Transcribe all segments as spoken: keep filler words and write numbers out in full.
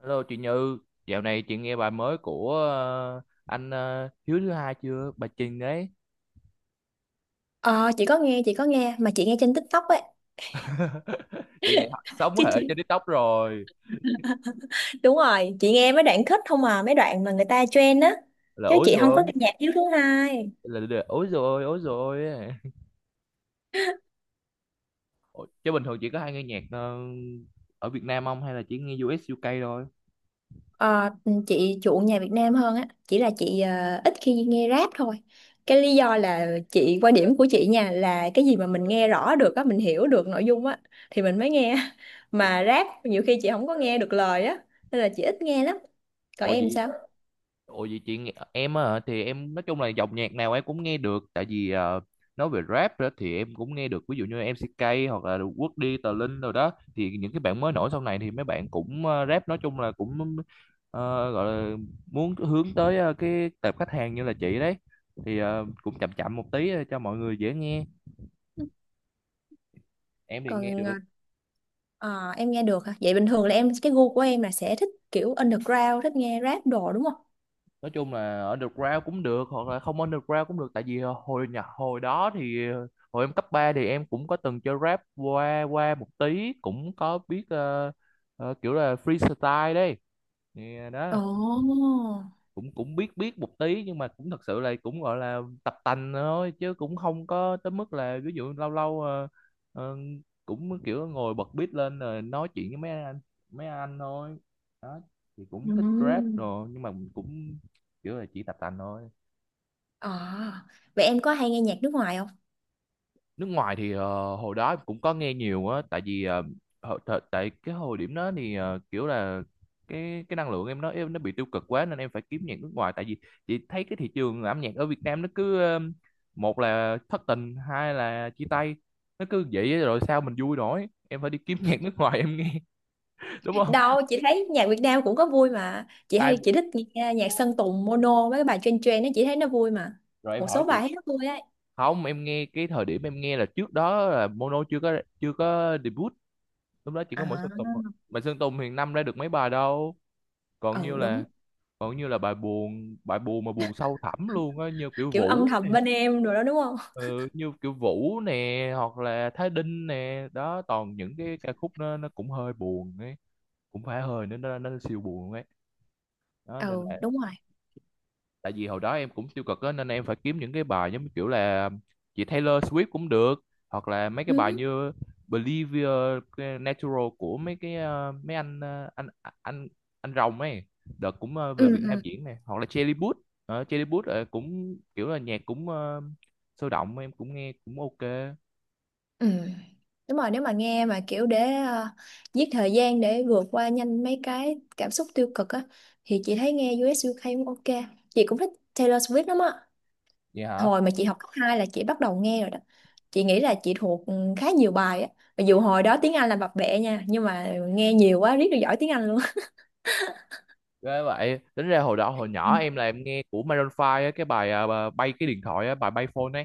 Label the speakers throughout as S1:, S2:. S1: Hello chị Như, dạo này chị nghe bài mới của ờ, anh ờ, Hiếu thứ hai chưa? Bà Trình đấy,
S2: Ờ, chị có nghe, chị có nghe mà chị nghe trên TikTok ấy.
S1: chị này sống
S2: Chứ
S1: hệ
S2: chị
S1: trên TikTok rồi.
S2: Đúng rồi, chị nghe mấy đoạn kết không à, mấy đoạn mà người ta trend á.
S1: Là
S2: Chứ
S1: ối
S2: chị không có
S1: rồi,
S2: nghe nhạc Hiếu thứ hai.
S1: là, là ối rồi, ối rồi. Ủa, Chứ bình thường chị có hay nghe nhạc ờ, ở Việt Nam không hay là chỉ nghe u ét u ca thôi?
S2: Ờ, ừ, chị chuộng nhạc Việt Nam hơn á, chỉ là chị ờ, ít khi nghe rap thôi. Cái lý do là chị quan điểm của chị nha là cái gì mà mình nghe rõ được á, mình hiểu được nội dung á thì mình mới nghe. Mà rap nhiều khi chị không có nghe được lời á, nên là chị ít nghe lắm. Còn
S1: Ồ
S2: em
S1: vậy.
S2: sao?
S1: Ủa vậy chị nghe- Em á hả? Thì em nói chung là dòng nhạc nào em cũng nghe được, tại vì ờ, nói về rap đó thì em cũng nghe được, ví dụ như em MCK hoặc là Quốc đi Tờ Linh rồi đó, thì những cái bạn mới nổi sau này thì mấy bạn cũng ờ, rap nói chung là cũng ờ, gọi là muốn hướng tới ờ, cái tệp khách hàng như là chị đấy, thì ờ, cũng chậm chậm một tí cho mọi người dễ nghe, em thì nghe
S2: Còn
S1: được.
S2: ờ, Ờ, em nghe được hả? Vậy bình thường là em cái gu của em là sẽ thích kiểu underground, thích nghe rap đồ đúng không?
S1: Nói chung là underground cũng được hoặc là không underground cũng được, tại vì ờ, hồi nhạc hồi đó thì ờ, hồi em cấp ba thì em cũng có từng chơi rap qua qua một tí, cũng có biết ờ, ờ, kiểu là freestyle đấy, thì ờ,
S2: Ồ.
S1: đó cũng cũng biết biết một tí, nhưng mà cũng thật sự là cũng gọi là tập tành thôi, chứ cũng không có tới mức là ví dụ lâu lâu ờ, ờ, cũng kiểu ngồi bật beat lên rồi nói chuyện với mấy anh mấy anh thôi đó, thì cũng thích rap
S2: Ừm.
S1: rồi nhưng mà cũng kiểu là chỉ tập tành thôi.
S2: Ờ, Vậy em có hay nghe nhạc nước ngoài không?
S1: Nước ngoài thì ờ, hồi đó cũng có nghe nhiều á, tại vì ờ, hồi- thời- tại cái hồi điểm đó thì ờ, kiểu là cái cái năng lượng em nó em nó bị tiêu cực quá, nên em phải kiếm nhạc nước ngoài, tại vì chị thấy cái thị trường âm nhạc ở Việt Nam nó cứ ờ, một là thất tình hai là chia tay, nó cứ vậy á, rồi sao mình vui nổi, em phải đi kiếm nhạc nước ngoài em nghe. Đúng không?
S2: Đâu, chị thấy nhạc Việt Nam cũng có vui mà. Chị hay
S1: Ai
S2: chị thích nghe nhạc Sơn Tùng, Mono mấy cái bài trên trên nó chị thấy nó vui mà.
S1: rồi em
S2: Một
S1: hỏi
S2: số
S1: chị?
S2: bài thấy nó vui ấy.
S1: Không, em nghe cái thời điểm em nghe là trước đó là Mono chưa có chưa có debut, lúc đó chỉ có mỗi
S2: À,
S1: Sơn Tùng thôi, mà Sơn Tùng hiện năm ra được mấy bài đâu. còn
S2: ừ
S1: như là
S2: đúng.
S1: còn như là bài buồn bài buồn mà buồn sâu thẳm luôn á, như kiểu
S2: Kiểu
S1: Vũ
S2: âm
S1: nè.
S2: thầm bên em rồi đó đúng không?
S1: Ừ, như kiểu Vũ nè hoặc là Thái Đinh nè đó, toàn những cái ca khúc nó nó cũng hơi buồn ấy, cũng phải hơi nữa nó nó siêu buồn ấy, đó nên
S2: Ừ,
S1: là
S2: đúng rồi.
S1: tại vì hồi đó em cũng tiêu cực á, nên em phải kiếm những cái bài giống như kiểu là chị Taylor Swift cũng được, hoặc là mấy cái bài
S2: Ừ,
S1: như Believe Your Natural của mấy cái ờ, mấy anh ờ, anh anh anh rồng ấy, đợt cũng ờ,
S2: ừ,
S1: về Việt Nam
S2: ừ.
S1: diễn này, hoặc là Charlie Puth. Ờ, Charlie Puth ờ, cũng kiểu là nhạc cũng ờ, sôi động, em cũng nghe cũng ok.
S2: Ừ. Đúng rồi, nếu mà nghe mà kiểu để ờ, giết thời gian để vượt qua nhanh mấy cái cảm xúc tiêu cực á thì chị thấy nghe diu ét u ca cũng ok. Chị cũng thích Taylor Swift lắm á.
S1: Vậy hả?
S2: Hồi mà chị học cấp hai là chị bắt đầu nghe rồi đó. Chị nghĩ là chị thuộc ừ, khá nhiều bài á. Mặc dù hồi đó tiếng Anh là bập bẹ nha, nhưng mà nghe nhiều quá riết được giỏi tiếng Anh luôn.
S1: Ghê vậy, tính ra hồi đó hồi nhỏ em là em nghe của Maroon năm á, cái bài à, bà- bay cái điện thoại á, bài bay phone ấy.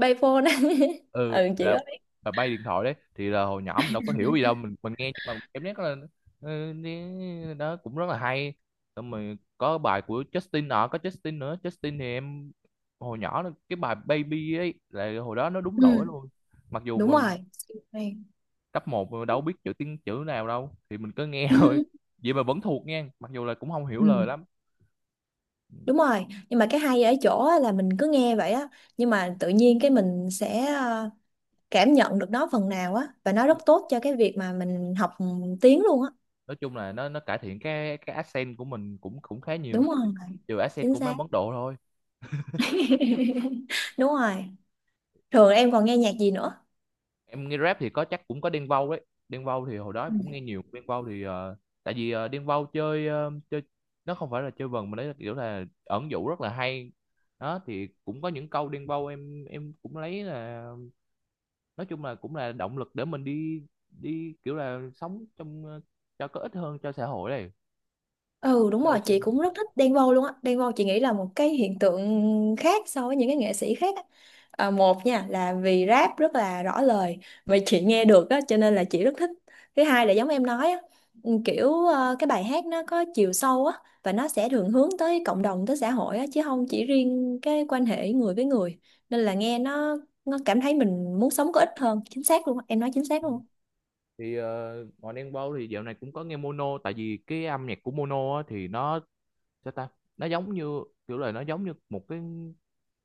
S2: Payphone á.
S1: ừ
S2: Ừ chị
S1: là
S2: có biết.
S1: là bay điện thoại đấy, thì là hồi nhỏ mình đâu có hiểu gì đâu, mình mình nghe nhưng mà cảm giác là ừ, đi- đó cũng rất là hay. Xong rồi có bài của Justin nọ có Justin nữa Justin thì em hồi nhỏ là cái bài Baby ấy, là hồi đó nó đúng
S2: Ừ.
S1: nổi luôn, mặc dù
S2: Đúng
S1: mình
S2: rồi. Hay.
S1: cấp một mà đâu biết chữ tiếng chữ nào đâu, thì mình cứ nghe thôi,
S2: Ừ.
S1: vậy mà vẫn thuộc nha, mặc dù là cũng không hiểu
S2: Ừ.
S1: lời lắm.
S2: Đúng rồi, nhưng mà cái hay ở chỗ á là mình cứ nghe vậy á, nhưng mà tự nhiên cái mình sẽ ờ, cảm nhận được nó phần nào á và nó rất tốt cho cái việc mà mình học tiếng luôn á,
S1: Nói chung là nó nó cải thiện cái cái accent của mình cũng cũng khá nhiều,
S2: đúng không?
S1: trừ accent
S2: Chính
S1: của mấy
S2: xác.
S1: ông Ấn Độ thôi.
S2: Đúng rồi, thường em còn nghe nhạc gì nữa?
S1: Em nghe rap thì có, chắc cũng có Đen Vâu đấy, Đen Vâu thì hồi đó em
S2: Ừ.
S1: cũng nghe nhiều. Đen Vâu thì ờ, tại vì ờ, Đen Vâu chơi ờ, chơi nó không phải là chơi vần, mà đấy là kiểu là ẩn dụ rất là hay, đó thì cũng có những câu Đen Vâu em em cũng lấy, là nói chung là cũng là động lực để mình đi đi kiểu là sống trong ờ, cho có ích hơn cho xã hội này.
S2: Ừ, đúng rồi,
S1: Ok.
S2: chị cũng rất thích Đen Vâu luôn á. Đen Vâu chị nghĩ là một cái hiện tượng khác so với những cái nghệ sĩ khác á. À, một nha là vì rap rất là rõ lời mà chị nghe được á, cho nên là chị rất thích. Thứ hai là giống em nói á, ừ, kiểu ờ, cái bài hát nó có chiều sâu á và nó sẽ thường hướng tới cộng đồng tới xã hội á chứ không chỉ riêng cái quan hệ người với người. Nên là nghe nó nó cảm thấy mình muốn sống có ích hơn. Chính xác luôn á, em nói chính xác luôn.
S1: Thì ờ, ngoài Đen Vâu thì dạo này cũng có nghe Mono, tại vì cái âm nhạc của Mono á, thì nó sao ta, nó giống như kiểu là nó giống như một cái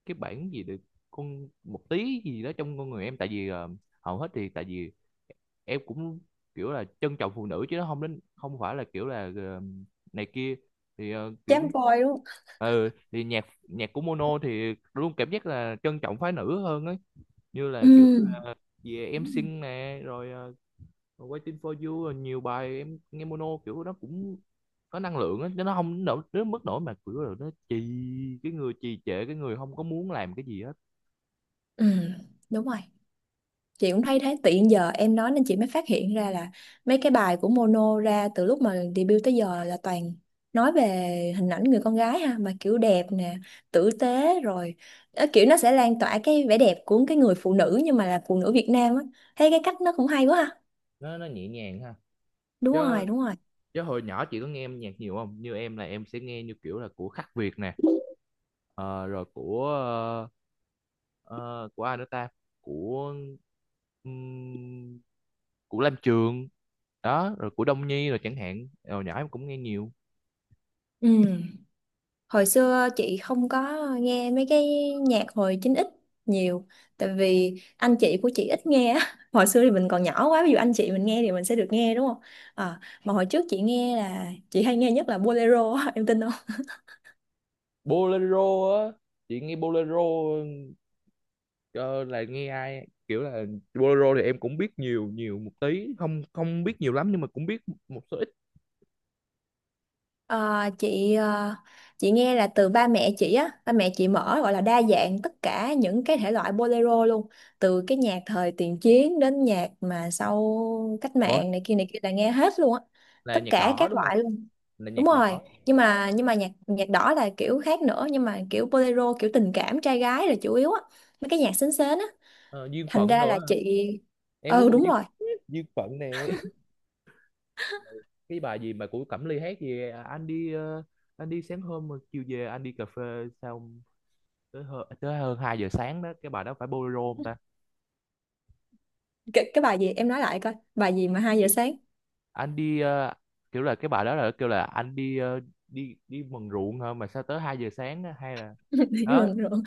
S1: cái bản gì được con một tí gì đó trong con người em, tại vì ờ, hầu hết thì tại vì em cũng kiểu là trân trọng phụ nữ, chứ nó không đến không phải là kiểu là ờ, này kia, thì ờ, kiểu
S2: Chém voi luôn.
S1: ừ, thì nhạc nhạc của Mono thì luôn cảm giác là trân trọng phái nữ hơn ấy, như
S2: Ừ.
S1: là kiểu về em xinh nè, rồi ờ, Waiting for you, rồi nhiều bài em nghe Mono kiểu nó cũng có năng lượng á, chứ nó không nổi đến mức nổi mà kiểu là nó trì, cái người trì trệ cái người không có muốn làm cái gì á.
S2: Ừ đúng rồi, chị cũng thấy thế. Tự nhiên giờ em nói nên chị mới phát hiện ra là mấy cái bài của Mono ra từ lúc mà debut tới giờ là toàn nói về hình ảnh người con gái ha, mà kiểu đẹp nè, tử tế rồi. Ờ, kiểu nó sẽ lan tỏa cái vẻ đẹp của cái người phụ nữ nhưng mà là phụ nữ Việt Nam á. Thấy cái cách nó cũng hay quá ha.
S1: Nó nó nhẹ nhàng ha?
S2: Đúng
S1: chứ
S2: rồi, đúng rồi.
S1: chứ hồi nhỏ chị có nghe âm nhạc nhiều không? Như em là em sẽ nghe như kiểu là của Khắc Việt nè, ờ, rồi của ờ, ờ, của ai nữa ta của ừm, của Lam Trường đó, rồi của Đông Nhi rồi, chẳng hạn hồi nhỏ em cũng nghe nhiều.
S2: Ừ, hồi xưa chị không có nghe mấy cái nhạc hồi chín ích nhiều, tại vì anh chị của chị ít nghe á. Hồi xưa thì mình còn nhỏ quá, ví dụ anh chị mình nghe thì mình sẽ được nghe đúng không? Ờ, mà hồi trước chị nghe là chị hay nghe nhất là bolero á, em tin không?
S1: Bolero á, chị nghe Bolero ờ, là nghe ai kiểu là? Bolero thì em cũng biết nhiều nhiều một tí, không không biết nhiều lắm nhưng mà cũng biết một số ít.
S2: Ờ, chị ờ, chị nghe là từ ba mẹ chị á. Ba mẹ chị mở gọi là đa dạng tất cả những cái thể loại bolero luôn, từ cái nhạc thời tiền chiến đến nhạc mà sau cách
S1: Ủa
S2: mạng này kia này kia là nghe hết luôn á,
S1: là
S2: tất
S1: nhạc
S2: cả
S1: đỏ
S2: các
S1: đúng không?
S2: loại.
S1: Là
S2: Đúng
S1: nhạc
S2: rồi,
S1: đỏ.
S2: nhưng mà nhưng mà nhạc nhạc đỏ là kiểu khác nữa, nhưng mà kiểu bolero kiểu tình cảm trai gái là chủ yếu á, mấy cái nhạc sến sến á.
S1: Ờ, duyên
S2: Thành
S1: phận
S2: ra
S1: đồ
S2: là
S1: á.
S2: chị,
S1: Em muốn
S2: ừ
S1: thuộc
S2: đúng
S1: duyên
S2: rồi.
S1: Duyên phận nè. Cái bài gì mà của Cẩm Ly hát gì à, anh đi ờ, anh đi sáng hôm mà chiều về anh đi cà phê, xong tới hơn, tới hơn hai giờ sáng đó, cái bài đó phải bolero không ta?
S2: Cái, cái bài gì em nói lại coi, bài gì mà hai giờ
S1: Cái-
S2: sáng
S1: anh đi ờ, Kiểu là cái bài đó là kêu là anh đi ờ, đi đi mần ruộng hả mà sao tới hai giờ sáng á, hay là
S2: Đi
S1: đó
S2: mừng rồi.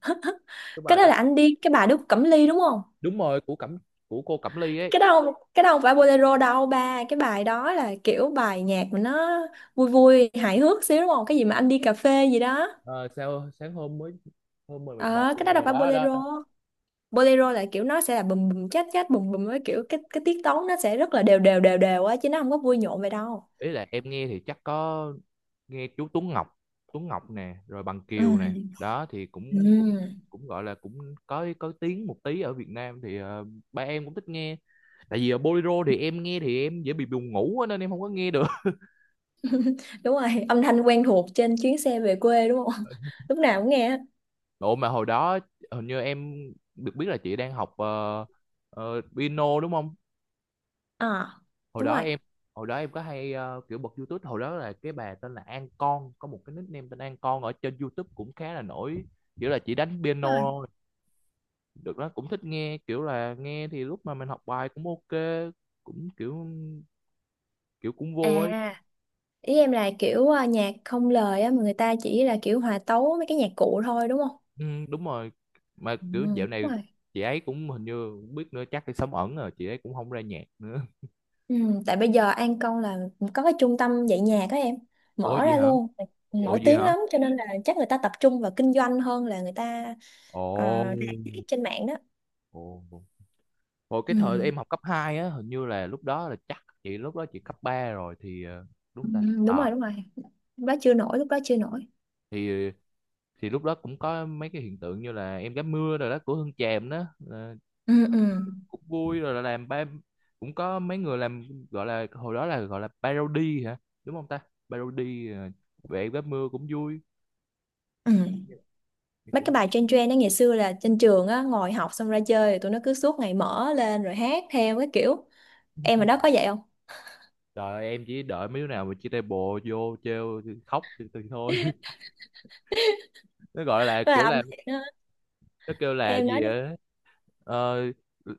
S1: cái
S2: Cái
S1: bài
S2: đó
S1: đó.
S2: là anh đi, cái bài Đức Cẩm Ly đúng không?
S1: Đúng rồi của Cẩm của cô Cẩm Ly ấy.
S2: Cái đó không- cái đó không phải bolero đâu, ba cái bài đó là kiểu bài nhạc mà nó vui vui hài hước xíu, đúng không? Cái gì mà anh đi cà phê gì đó.
S1: Ờ, sao sáng hôm mới hôm mười mệt mỏi
S2: ờ cái đó đâu
S1: về
S2: phải
S1: đó đó
S2: bolero.
S1: đó.
S2: Bolero là kiểu nó sẽ là bùm bùm chát chát bùm bùm với kiểu cái cái tiết tấu nó sẽ rất là đều đều đều đều á, chứ nó không có vui nhộn vậy đâu.
S1: Ý là em nghe thì chắc có nghe chú Tuấn Ngọc, Tuấn Ngọc nè, rồi Bằng
S2: Ừ.
S1: Kiều nè, đó thì cũng cũng
S2: Ừ.
S1: cũng gọi là cũng có có tiếng một tí ở Việt Nam, thì ờ, ba em cũng thích nghe. Tại vì ở bolero thì em nghe thì em dễ bị buồn ngủ á, nên em không có nghe được.
S2: Đúng rồi, âm thanh quen thuộc trên chuyến xe về quê đúng không? Lúc nào cũng nghe.
S1: Độ mà hồi đó hình như em được biết là chị đang học ờ, ờ, piano đúng không?
S2: À
S1: hồi
S2: đúng
S1: đó
S2: rồi.
S1: em Hồi đó em có hay ờ, kiểu bật YouTube, hồi đó là cái bà tên là An Con, có một cái nickname tên An Con ở trên YouTube cũng khá là nổi, kiểu là chỉ đánh piano
S2: Đúng rồi.
S1: được đó, cũng thích nghe, kiểu là nghe thì lúc mà mình học bài cũng ok, cũng kiểu kiểu cũng vô ấy.
S2: À, ý em là kiểu à, nhạc không lời á mà người ta chỉ là kiểu hòa tấu mấy cái nhạc cụ thôi đúng không?
S1: Ừ, đúng rồi. Mà
S2: Ừ,
S1: kiểu dạo
S2: đúng
S1: này
S2: rồi.
S1: chị ấy cũng hình như không biết nữa, chắc đi sống ẩn rồi, chị ấy cũng không ra nhạc nữa.
S2: Ừ, tại bây giờ An Công là có cái trung tâm dạy nhạc á em,
S1: Ủa
S2: mở
S1: gì
S2: ra
S1: hả?
S2: luôn,
S1: Ủa
S2: nổi
S1: gì
S2: tiếng
S1: hả?
S2: lắm. Cho nên là chắc người ta tập trung vào kinh doanh hơn là người ta
S1: Ồ.
S2: ờ, rạp xiếc trên mạng đó.
S1: Ồ, hồi cái thời
S2: Ừ.
S1: em học cấp hai á, hình như là lúc đó là chắc chị lúc đó chị cấp ba rồi thì ờ, đúng
S2: Ừ,
S1: không ta?
S2: đúng
S1: À,
S2: rồi đúng rồi, lúc đó chưa nổi, lúc đó chưa nổi.
S1: thì thì lúc đó cũng có mấy cái hiện tượng như là em gái mưa rồi đó của Hương Tràm đó. Ờ,
S2: Ừ. Ừ.
S1: cũng vui, rồi là làm ba cũng có mấy người làm, gọi là hồi đó là gọi là parody hả, đúng không ta? parody ờ, Vẽ vé mưa cũng vui.
S2: Ừ.
S1: Thì
S2: Mấy
S1: cũng
S2: cái bài trên trend đó, ngày xưa là trên trường á, ngồi học xong ra chơi rồi tụi nó cứ suốt ngày mở lên rồi hát theo cái kiểu, em ở đó có vậy không?
S1: trời ơi, em chỉ đợi mấy đứa nào mà chia tay bộ vô trêu thì khóc thì, thì thôi. Nó gọi là
S2: Là
S1: kiểu
S2: âm
S1: là
S2: nhạc đó.
S1: nó kêu là
S2: Em
S1: gì
S2: nói đi.
S1: á, ờ,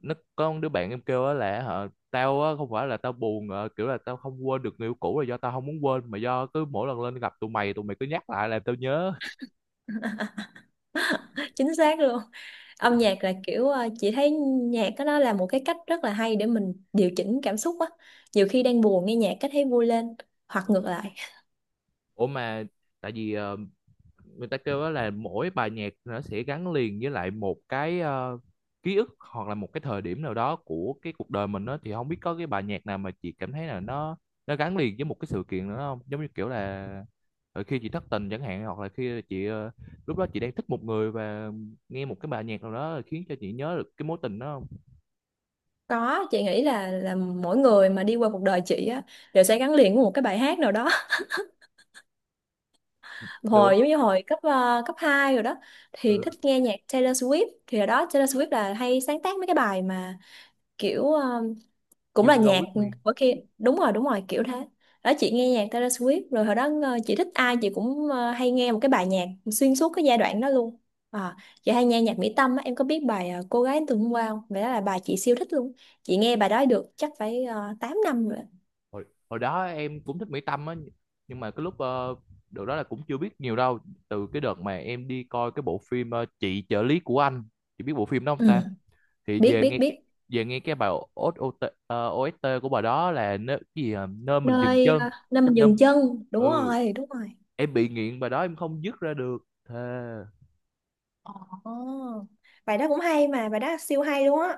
S1: nó có một đứa bạn em kêu á, là hả tao á không phải là tao buồn, ờ, kiểu là tao không quên được người yêu cũ là do tao không muốn quên, mà do cứ mỗi lần lên gặp tụi mày tụi mày cứ nhắc lại làm tao nhớ.
S2: Chính xác luôn. Âm nhạc là kiểu ờ, chị thấy nhạc đó nó là một cái cách rất là hay để mình điều chỉnh cảm xúc á. Nhiều khi đang buồn nghe nhạc cái thấy vui lên, hoặc ngược lại.
S1: Ủa mà tại vì ờ, người ta kêu đó là mỗi bài nhạc nó sẽ gắn liền với lại một cái ờ, ký ức, hoặc là một cái thời điểm nào đó của cái cuộc đời mình đó, thì không biết có cái bài nhạc nào mà chị cảm thấy là nó nó gắn liền với một cái sự kiện nữa không, giống như kiểu là khi chị thất tình chẳng hạn, hoặc là khi chị ờ, lúc đó chị đang thích một người, và nghe một cái bài nhạc nào đó khiến cho chị nhớ được cái mối tình đó không?
S2: Có, chị nghĩ là là mỗi người mà đi qua cuộc đời chị á đều sẽ gắn liền với một cái bài hát nào đó. Hồi
S1: Được.
S2: giống như hồi cấp ờ, cấp hai rồi đó thì
S1: Ừ.
S2: thích nghe nhạc Taylor Swift, thì hồi đó Taylor Swift là hay sáng tác mấy cái bài mà kiểu ờ, cũng
S1: You
S2: là
S1: belong
S2: nhạc
S1: with me.
S2: của kia đúng rồi đúng rồi kiểu thế. Đó, chị nghe nhạc Taylor Swift, rồi hồi đó ờ, chị thích ai chị cũng ờ, hay nghe một cái bài nhạc xuyên suốt cái giai đoạn đó luôn. À, chị hay nghe nhạc Mỹ Tâm á, em có biết bài ờ, Cô gái từ hôm qua không? Vậy đó là bài chị siêu thích luôn. Chị nghe bài đó được chắc phải uh, tám năm rồi.
S1: Hồi, hồi đó em cũng thích Mỹ Tâm á, nhưng mà cái lúc ờ, đợt đó là cũng chưa biết nhiều đâu, từ cái đợt mà em đi coi cái bộ phim ờ, chị trợ lý của anh, chị biết bộ phim đó không
S2: Ừ,
S1: ta? Thì
S2: biết
S1: về
S2: biết
S1: nghe
S2: biết.
S1: về nghe cái bài o ét tê, ờ, o ét tê của bài đó là nơi, cái gì à? Nơi mình dừng
S2: nơi
S1: chân.
S2: ờ, nơi mình
S1: Nơi
S2: dừng chân. Đúng
S1: ừ
S2: rồi, đúng rồi.
S1: Em bị nghiện bài đó em không dứt ra được, thề.
S2: Ồ, bài đó cũng hay mà, bài đó siêu hay luôn á.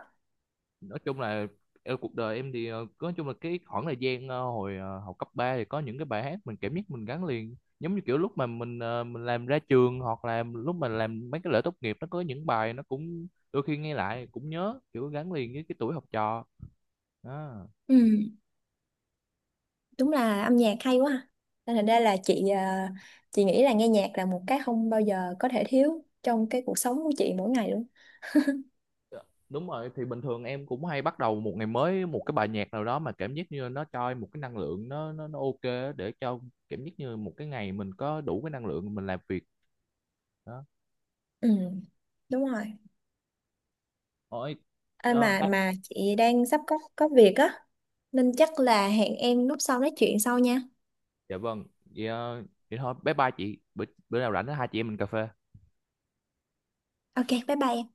S1: Nói chung là ờ, cuộc đời em thì ờ, nói chung là cái khoảng thời gian ờ, hồi ờ, học cấp ba, thì có những cái bài hát mình cảm giác mình gắn liền, giống như kiểu lúc mà mình ờ, mình làm ra trường, hoặc là lúc mà làm mấy cái lễ tốt nghiệp, nó có những bài nó cũng đôi khi nghe lại cũng nhớ, kiểu gắn liền với cái tuổi học trò đó.
S2: Ừ, đúng là âm nhạc hay quá ha. Nên thành ra là chị ờ, chị nghĩ là nghe nhạc là một cái không bao giờ có thể thiếu trong cái cuộc sống của chị mỗi ngày luôn.
S1: Đúng rồi, thì bình thường em cũng hay bắt đầu một ngày mới một cái bài nhạc nào đó mà cảm giác như nó cho em một cái năng lượng nó nó nó ok á, để cho cảm giác như một cái ngày mình có đủ cái năng lượng mình làm việc đó.
S2: Ừ, đúng rồi.
S1: Ôi,
S2: À,
S1: ờ,
S2: mà mà chị đang sắp có có việc á, nên chắc là hẹn em lúc sau nói chuyện sau nha.
S1: dạ vâng. vậy, ờ, Vậy thôi bye bye chị, bữa, bữa nào rảnh hai chị em mình cà phê.
S2: Ok, bye bye em.